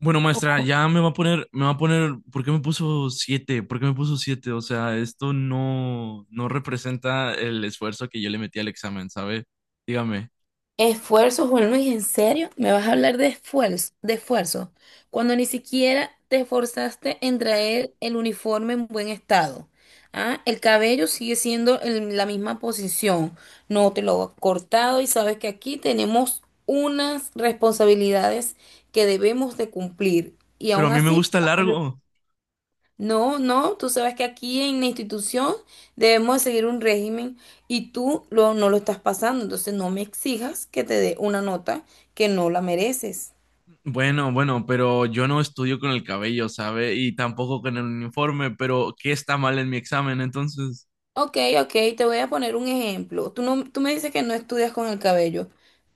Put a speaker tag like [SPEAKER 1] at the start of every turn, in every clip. [SPEAKER 1] Bueno, maestra, ya me va a poner, ¿por qué me puso siete? ¿Por qué me puso siete? O sea, esto no representa el esfuerzo que yo le metí al examen, ¿sabe? Dígame.
[SPEAKER 2] Esfuerzo, Juan Luis, ¿en serio? ¿Me vas a hablar de esfuerzo, de esfuerzo? Cuando ni siquiera te esforzaste en traer el uniforme en buen estado. ¿Ah? El cabello sigue siendo en la misma posición. No te lo has cortado y sabes que aquí tenemos unas responsabilidades que debemos de cumplir. Y
[SPEAKER 1] Pero a
[SPEAKER 2] aún
[SPEAKER 1] mí me
[SPEAKER 2] así,
[SPEAKER 1] gusta largo.
[SPEAKER 2] no, no, tú sabes que aquí en la institución debemos seguir un régimen y no lo estás pasando, entonces no me exijas que te dé una nota que no la mereces.
[SPEAKER 1] Bueno, bueno, pero yo no estudio con el cabello, ¿sabe? Y tampoco con el uniforme, pero ¿qué está mal en mi examen entonces?
[SPEAKER 2] Ok, ok, te voy a poner un ejemplo. Tú, no, tú me dices que no estudias con el cabello.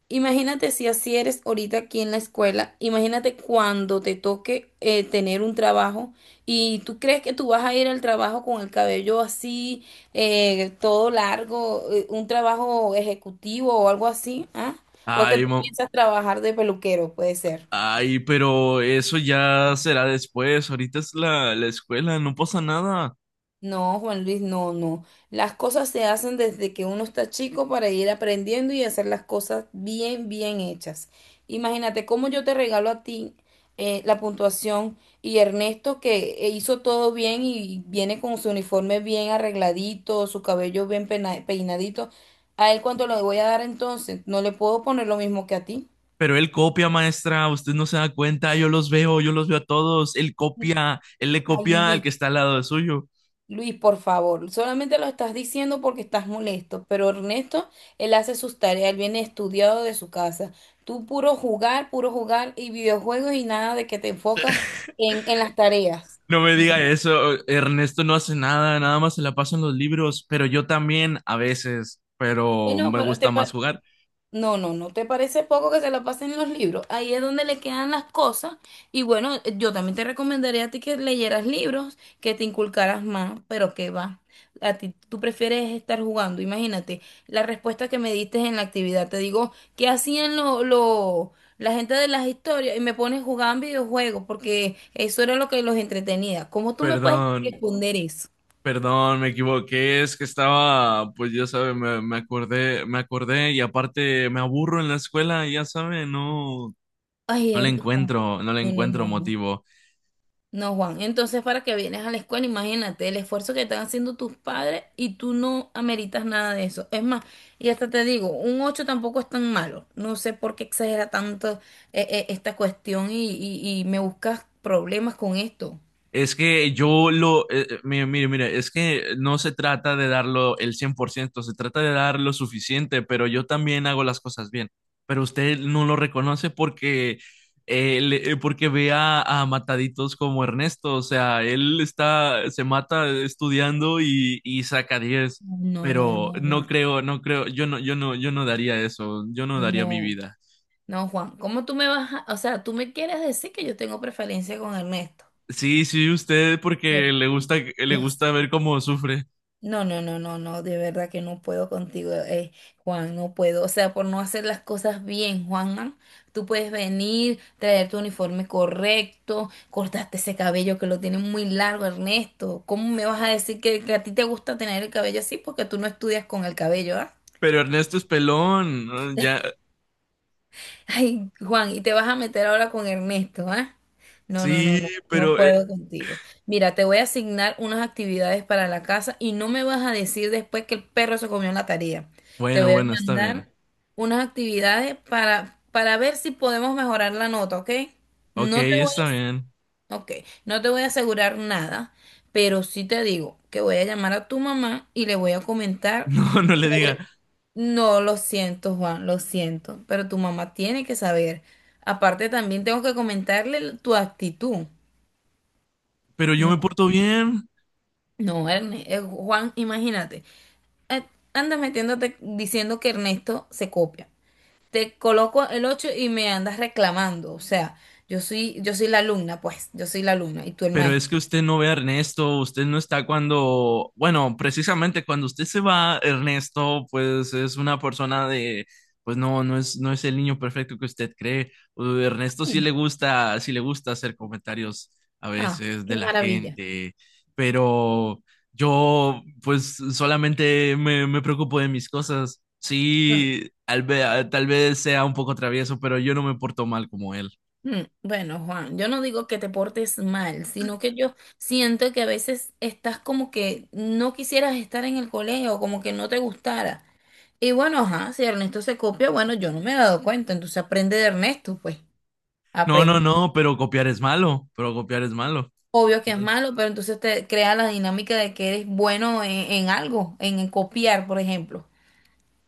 [SPEAKER 2] Imagínate si así eres ahorita aquí en la escuela, imagínate cuando te toque tener un trabajo y tú crees que tú vas a ir al trabajo con el cabello así, todo largo, un trabajo ejecutivo o algo así, ¿ah? O es que
[SPEAKER 1] Ay,
[SPEAKER 2] tú
[SPEAKER 1] ma-
[SPEAKER 2] piensas trabajar de peluquero, puede ser.
[SPEAKER 1] ay, pero eso ya será después. Ahorita es la escuela, no pasa nada.
[SPEAKER 2] No, Juan Luis, no, no. Las cosas se hacen desde que uno está chico para ir aprendiendo y hacer las cosas bien, bien hechas. Imagínate cómo yo te regalo a ti la puntuación y Ernesto que hizo todo bien y viene con su uniforme bien arregladito, su cabello peinadito. ¿A él cuánto le voy a dar entonces? No le puedo poner lo mismo que a ti.
[SPEAKER 1] Pero él copia, maestra, usted no se da cuenta, yo los veo a todos, él copia, él le
[SPEAKER 2] Ay,
[SPEAKER 1] copia al que
[SPEAKER 2] Luis.
[SPEAKER 1] está al lado de suyo.
[SPEAKER 2] Luis, por favor, solamente lo estás diciendo porque estás molesto, pero Ernesto, él hace sus tareas, él viene estudiado de su casa. Tú puro jugar y videojuegos y nada de que te enfocas en las tareas.
[SPEAKER 1] No me diga eso, Ernesto no hace nada, nada más se la pasa en los libros, pero yo también a veces, pero
[SPEAKER 2] Bueno,
[SPEAKER 1] me
[SPEAKER 2] pero
[SPEAKER 1] gusta
[SPEAKER 2] te,
[SPEAKER 1] más
[SPEAKER 2] pa-
[SPEAKER 1] jugar.
[SPEAKER 2] No, no, ¿no te parece poco que se la pasen en los libros? Ahí es donde le quedan las cosas. Y bueno, yo también te recomendaría a ti que leyeras libros, que te inculcaras más, pero que va. A ti, tú prefieres estar jugando. Imagínate, la respuesta que me diste en la actividad. Te digo, ¿qué hacían la gente de las historias? Y me pones jugando videojuegos, porque eso era lo que los entretenía. ¿Cómo tú me puedes
[SPEAKER 1] Perdón,
[SPEAKER 2] responder eso?
[SPEAKER 1] perdón, me equivoqué, es que estaba, pues ya sabe, me acordé y aparte me aburro en la escuela, ya sabe,
[SPEAKER 2] Ay, el-
[SPEAKER 1] no le
[SPEAKER 2] no, no,
[SPEAKER 1] encuentro
[SPEAKER 2] no. No.
[SPEAKER 1] motivo.
[SPEAKER 2] No, Juan, entonces para que vienes a la escuela, imagínate el esfuerzo que están haciendo tus padres y tú no ameritas nada de eso. Es más, y hasta te digo, un 8 tampoco es tan malo. No sé por qué exagera tanto esta cuestión y me buscas problemas con esto.
[SPEAKER 1] Es que mire, mire, mire, es que no se trata de darlo el 100%, se trata de dar lo suficiente, pero yo también hago las cosas bien. Pero usted no lo reconoce porque ve a mataditos como Ernesto, o sea, se mata estudiando y saca 10,
[SPEAKER 2] No, no,
[SPEAKER 1] pero
[SPEAKER 2] no, Juan,
[SPEAKER 1] no creo, yo no daría eso, yo no daría mi
[SPEAKER 2] no,
[SPEAKER 1] vida.
[SPEAKER 2] no, Juan, ¿cómo tú me vas a, o sea, tú me quieres decir que yo tengo preferencia con Ernesto?
[SPEAKER 1] Sí, sí, usted porque le
[SPEAKER 2] No.
[SPEAKER 1] gusta ver cómo sufre.
[SPEAKER 2] No, no, no, no, no, de verdad que no puedo contigo, Juan, no puedo. O sea, por no hacer las cosas bien, Juan, tú puedes venir, traer tu uniforme correcto, cortaste ese cabello que lo tienes muy largo, Ernesto. ¿Cómo me vas a decir que a ti te gusta tener el cabello así? Porque tú no estudias con el cabello, ¿ah?
[SPEAKER 1] Pero Ernesto es pelón, ¿no? Ya.
[SPEAKER 2] Ay, Juan, y te vas a meter ahora con Ernesto, ¿ah? No, no, no,
[SPEAKER 1] Sí,
[SPEAKER 2] no, no
[SPEAKER 1] pero
[SPEAKER 2] puedo contigo. Mira, te voy a asignar unas actividades para la casa y no me vas a decir después que el perro se comió la tarea. Te
[SPEAKER 1] bueno,
[SPEAKER 2] voy a
[SPEAKER 1] bueno, está bien.
[SPEAKER 2] mandar unas actividades para ver si podemos mejorar la nota, ¿ok?
[SPEAKER 1] Ok,
[SPEAKER 2] No te voy
[SPEAKER 1] está bien.
[SPEAKER 2] a, ok, no te voy a asegurar nada, pero sí te digo que voy a llamar a tu mamá y le voy a comentar.
[SPEAKER 1] No, no le diga,
[SPEAKER 2] Sobre No, lo siento, Juan, lo siento, pero tu mamá tiene que saber. Aparte, también tengo que tu actitud.
[SPEAKER 1] pero yo me
[SPEAKER 2] No,
[SPEAKER 1] porto bien.
[SPEAKER 2] no, Juan, imagínate, eh, andas metiéndote diciendo que Ernesto se copia. Te coloco el 8 y me andas reclamando. O sea, yo soy la alumna, pues, yo soy la alumna y tú el
[SPEAKER 1] Pero es
[SPEAKER 2] maestro.
[SPEAKER 1] que usted no ve a Ernesto, usted no está cuando, bueno, precisamente cuando usted se va, Ernesto, pues es una persona de, pues no es el niño perfecto que usted cree. Ernesto
[SPEAKER 2] Mm.
[SPEAKER 1] sí le gusta hacer comentarios a
[SPEAKER 2] Ah,
[SPEAKER 1] veces de
[SPEAKER 2] qué
[SPEAKER 1] la
[SPEAKER 2] maravilla.
[SPEAKER 1] gente, pero yo, pues solamente me preocupo de mis cosas. Sí, tal vez sea un poco travieso, pero yo no me porto mal como él.
[SPEAKER 2] Mm. Bueno, Juan, yo no digo que te portes mal, sino que yo siento que a veces estás como que no quisieras estar en el colegio, como que no te gustara. Y bueno, ajá, si Ernesto se copia, bueno, yo no me he dado cuenta, entonces aprende de Ernesto, pues,
[SPEAKER 1] No, no,
[SPEAKER 2] aprende.
[SPEAKER 1] no, pero copiar es malo, pero copiar es malo.
[SPEAKER 2] Obvio que es
[SPEAKER 1] Pero-
[SPEAKER 2] malo, pero entonces te crea la dinámica de que eres bueno en algo, en copiar, por ejemplo.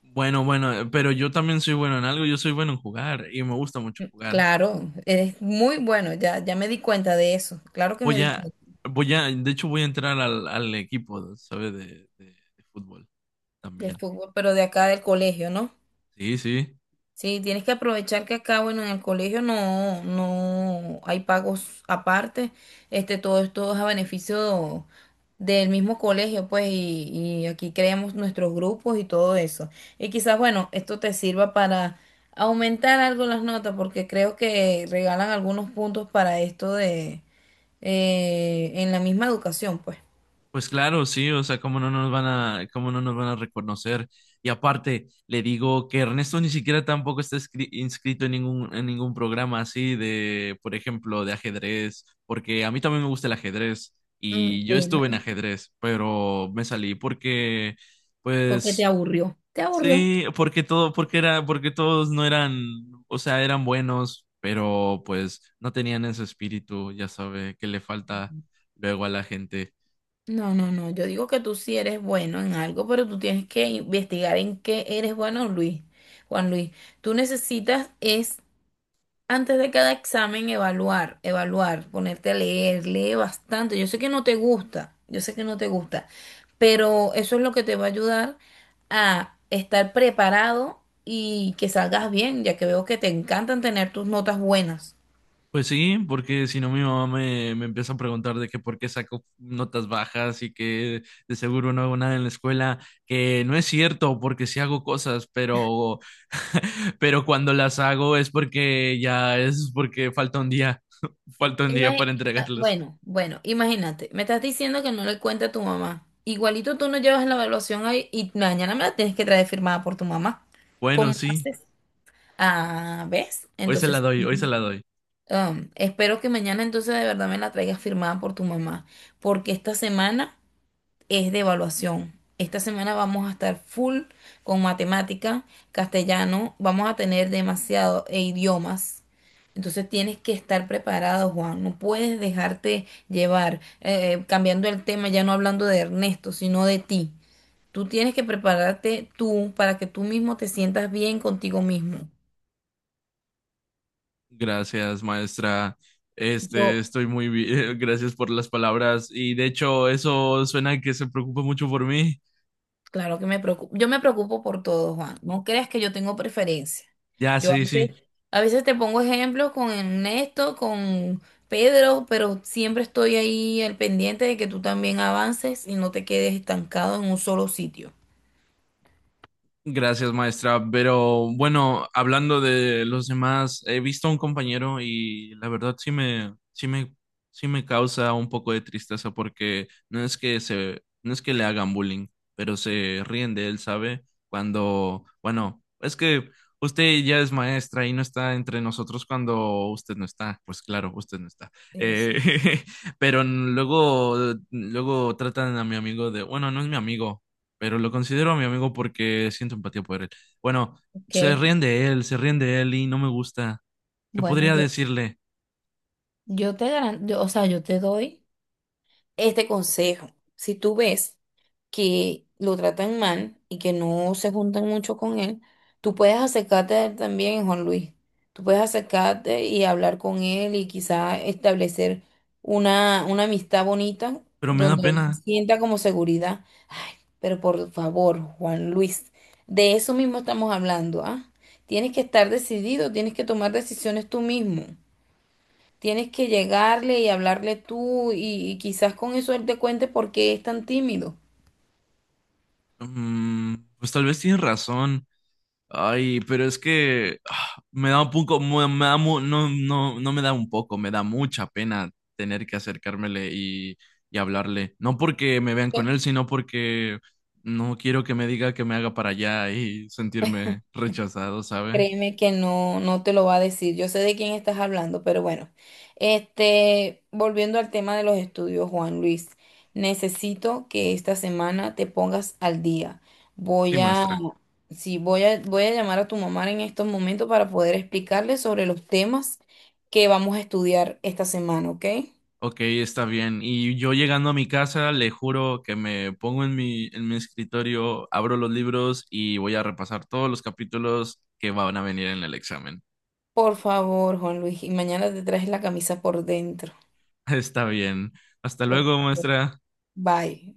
[SPEAKER 1] Bueno, bueno, pero yo también soy bueno en algo, yo soy bueno en jugar y me gusta mucho jugar.
[SPEAKER 2] Claro, eres muy bueno, ya, ya me di cuenta de eso, claro que me
[SPEAKER 1] Voy
[SPEAKER 2] di
[SPEAKER 1] a,
[SPEAKER 2] cuenta
[SPEAKER 1] de hecho voy a entrar al equipo, ¿sabes? De, de fútbol
[SPEAKER 2] de
[SPEAKER 1] también.
[SPEAKER 2] fútbol, pero de acá del colegio, ¿no?
[SPEAKER 1] Sí, sí.
[SPEAKER 2] Sí, tienes que aprovechar que acá, bueno, en el colegio no, no hay pagos aparte. Este, todo esto es a beneficio del mismo colegio, pues, y aquí creamos nuestros grupos y todo eso. Y quizás, bueno, esto te sirva para aumentar algo las notas, porque creo que regalan algunos puntos para esto de en la misma educación, pues.
[SPEAKER 1] Pues claro, sí, o sea, cómo no nos van a reconocer. Y aparte, le digo que Ernesto ni siquiera tampoco está inscrito en ningún programa así de, por ejemplo, de ajedrez, porque a mí también me gusta el ajedrez
[SPEAKER 2] Mm.
[SPEAKER 1] y yo
[SPEAKER 2] Bueno.
[SPEAKER 1] estuve en ajedrez, pero me salí
[SPEAKER 2] Porque te
[SPEAKER 1] pues,
[SPEAKER 2] aburrió. Te aburrió.
[SPEAKER 1] sí, porque todos no eran, o sea, eran buenos, pero pues no tenían ese espíritu, ya sabe, que le falta luego a la gente.
[SPEAKER 2] No, no, no. Yo digo que tú sí eres bueno en algo, pero tú tienes que investigar en qué eres bueno, Luis. Juan Luis, tú necesitas es antes de cada examen evaluar, evaluar, ponerte a leer, lee bastante. Yo sé que no te gusta, yo sé que no te gusta, pero eso es lo que te va a ayudar a estar preparado y que salgas bien, ya que veo que te encantan tener tus notas buenas.
[SPEAKER 1] Pues sí, porque si no mi mamá me empieza a preguntar de que por qué saco notas bajas y que de seguro no hago nada en la escuela, que no es cierto porque sí hago cosas, pero, pero cuando las hago es porque ya es porque falta un día, falta un día
[SPEAKER 2] Imagi-
[SPEAKER 1] para entregarlas.
[SPEAKER 2] bueno, bueno, imagínate, me estás diciendo que no le cuente a tu mamá. Igualito tú no llevas la evaluación ahí y mañana me la tienes que traer firmada por tu mamá.
[SPEAKER 1] Bueno,
[SPEAKER 2] ¿Cómo
[SPEAKER 1] sí,
[SPEAKER 2] haces? Ah, ¿ves?
[SPEAKER 1] hoy se la
[SPEAKER 2] Entonces,
[SPEAKER 1] doy, hoy se la doy.
[SPEAKER 2] espero que mañana entonces de verdad me la traigas firmada por tu mamá, porque esta semana es de evaluación. Esta semana vamos a estar full con matemática, castellano, vamos a tener demasiado e idiomas. Entonces tienes que estar preparado, Juan. No puedes dejarte llevar, cambiando el tema, ya no hablando de Ernesto, sino de ti. Tú tienes que prepararte tú para que tú mismo te sientas bien contigo mismo.
[SPEAKER 1] Gracias, maestra.
[SPEAKER 2] Yo
[SPEAKER 1] Estoy muy bien, gracias por las palabras y de hecho eso suena que se preocupa mucho por mí.
[SPEAKER 2] Claro que me preocupo. Yo me preocupo por todo, Juan. No creas que yo tengo preferencia.
[SPEAKER 1] Ya,
[SPEAKER 2] Yo a
[SPEAKER 1] sí, sí.
[SPEAKER 2] veces, a veces te pongo ejemplos con Ernesto, con Pedro, pero siempre estoy ahí al pendiente de que tú también avances y no te quedes estancado en un solo sitio.
[SPEAKER 1] Gracias, maestra. Pero bueno, hablando de los demás, he visto a un compañero y la verdad sí me causa un poco de tristeza porque no es que le hagan bullying, pero se ríen de él, ¿sabe? Cuando, bueno, es que usted ya es maestra y no está entre nosotros cuando usted no está. Pues claro, usted no está. Eh,
[SPEAKER 2] Ese,
[SPEAKER 1] pero luego tratan a mi amigo de, bueno, no es mi amigo pero lo considero mi amigo porque siento empatía por él. Bueno,
[SPEAKER 2] Ok,
[SPEAKER 1] se ríen de él, se ríen de él y no me gusta. ¿Qué
[SPEAKER 2] bueno,
[SPEAKER 1] podría decirle?
[SPEAKER 2] yo o sea, yo te doy este consejo. Si tú ves que lo tratan mal y que no se juntan mucho con él, tú puedes acercarte a él también, Juan Luis. Tú puedes acercarte y hablar con él y quizá establecer una amistad bonita
[SPEAKER 1] Pero me da
[SPEAKER 2] donde él
[SPEAKER 1] pena.
[SPEAKER 2] sienta como seguridad. Ay, pero por favor, Juan Luis, de eso mismo estamos hablando, ¿ah? Tienes que estar decidido, tienes que tomar decisiones tú mismo. Tienes que llegarle y hablarle tú y quizás con eso él te cuente por qué es tan tímido.
[SPEAKER 1] Mm, pues tal vez tiene razón. Ay, pero es que me da un poco, me da mu- no, no, no me da un poco, me da mucha pena tener que acercármele y hablarle. No porque me vean con él, sino porque no quiero que me diga que me haga para allá y sentirme rechazado, ¿sabe?
[SPEAKER 2] Créeme que no, no te lo va a decir. Yo sé de quién estás hablando, pero bueno. Este, volviendo al tema de los estudios, Juan Luis, necesito que esta semana te pongas al día.
[SPEAKER 1] Sí,
[SPEAKER 2] Voy a,
[SPEAKER 1] muestra.
[SPEAKER 2] sí, voy a llamar a tu mamá en estos momentos para poder explicarle sobre los temas que vamos a estudiar esta semana, ¿ok?
[SPEAKER 1] Ok, está bien. Y yo llegando a mi casa, le juro que me pongo en mi escritorio, abro los libros y voy a repasar todos los capítulos que van a venir en el examen.
[SPEAKER 2] Por favor, Juan Luis, y mañana te traes la camisa por dentro.
[SPEAKER 1] Está bien. Hasta
[SPEAKER 2] Ok,
[SPEAKER 1] luego, maestra.
[SPEAKER 2] bye.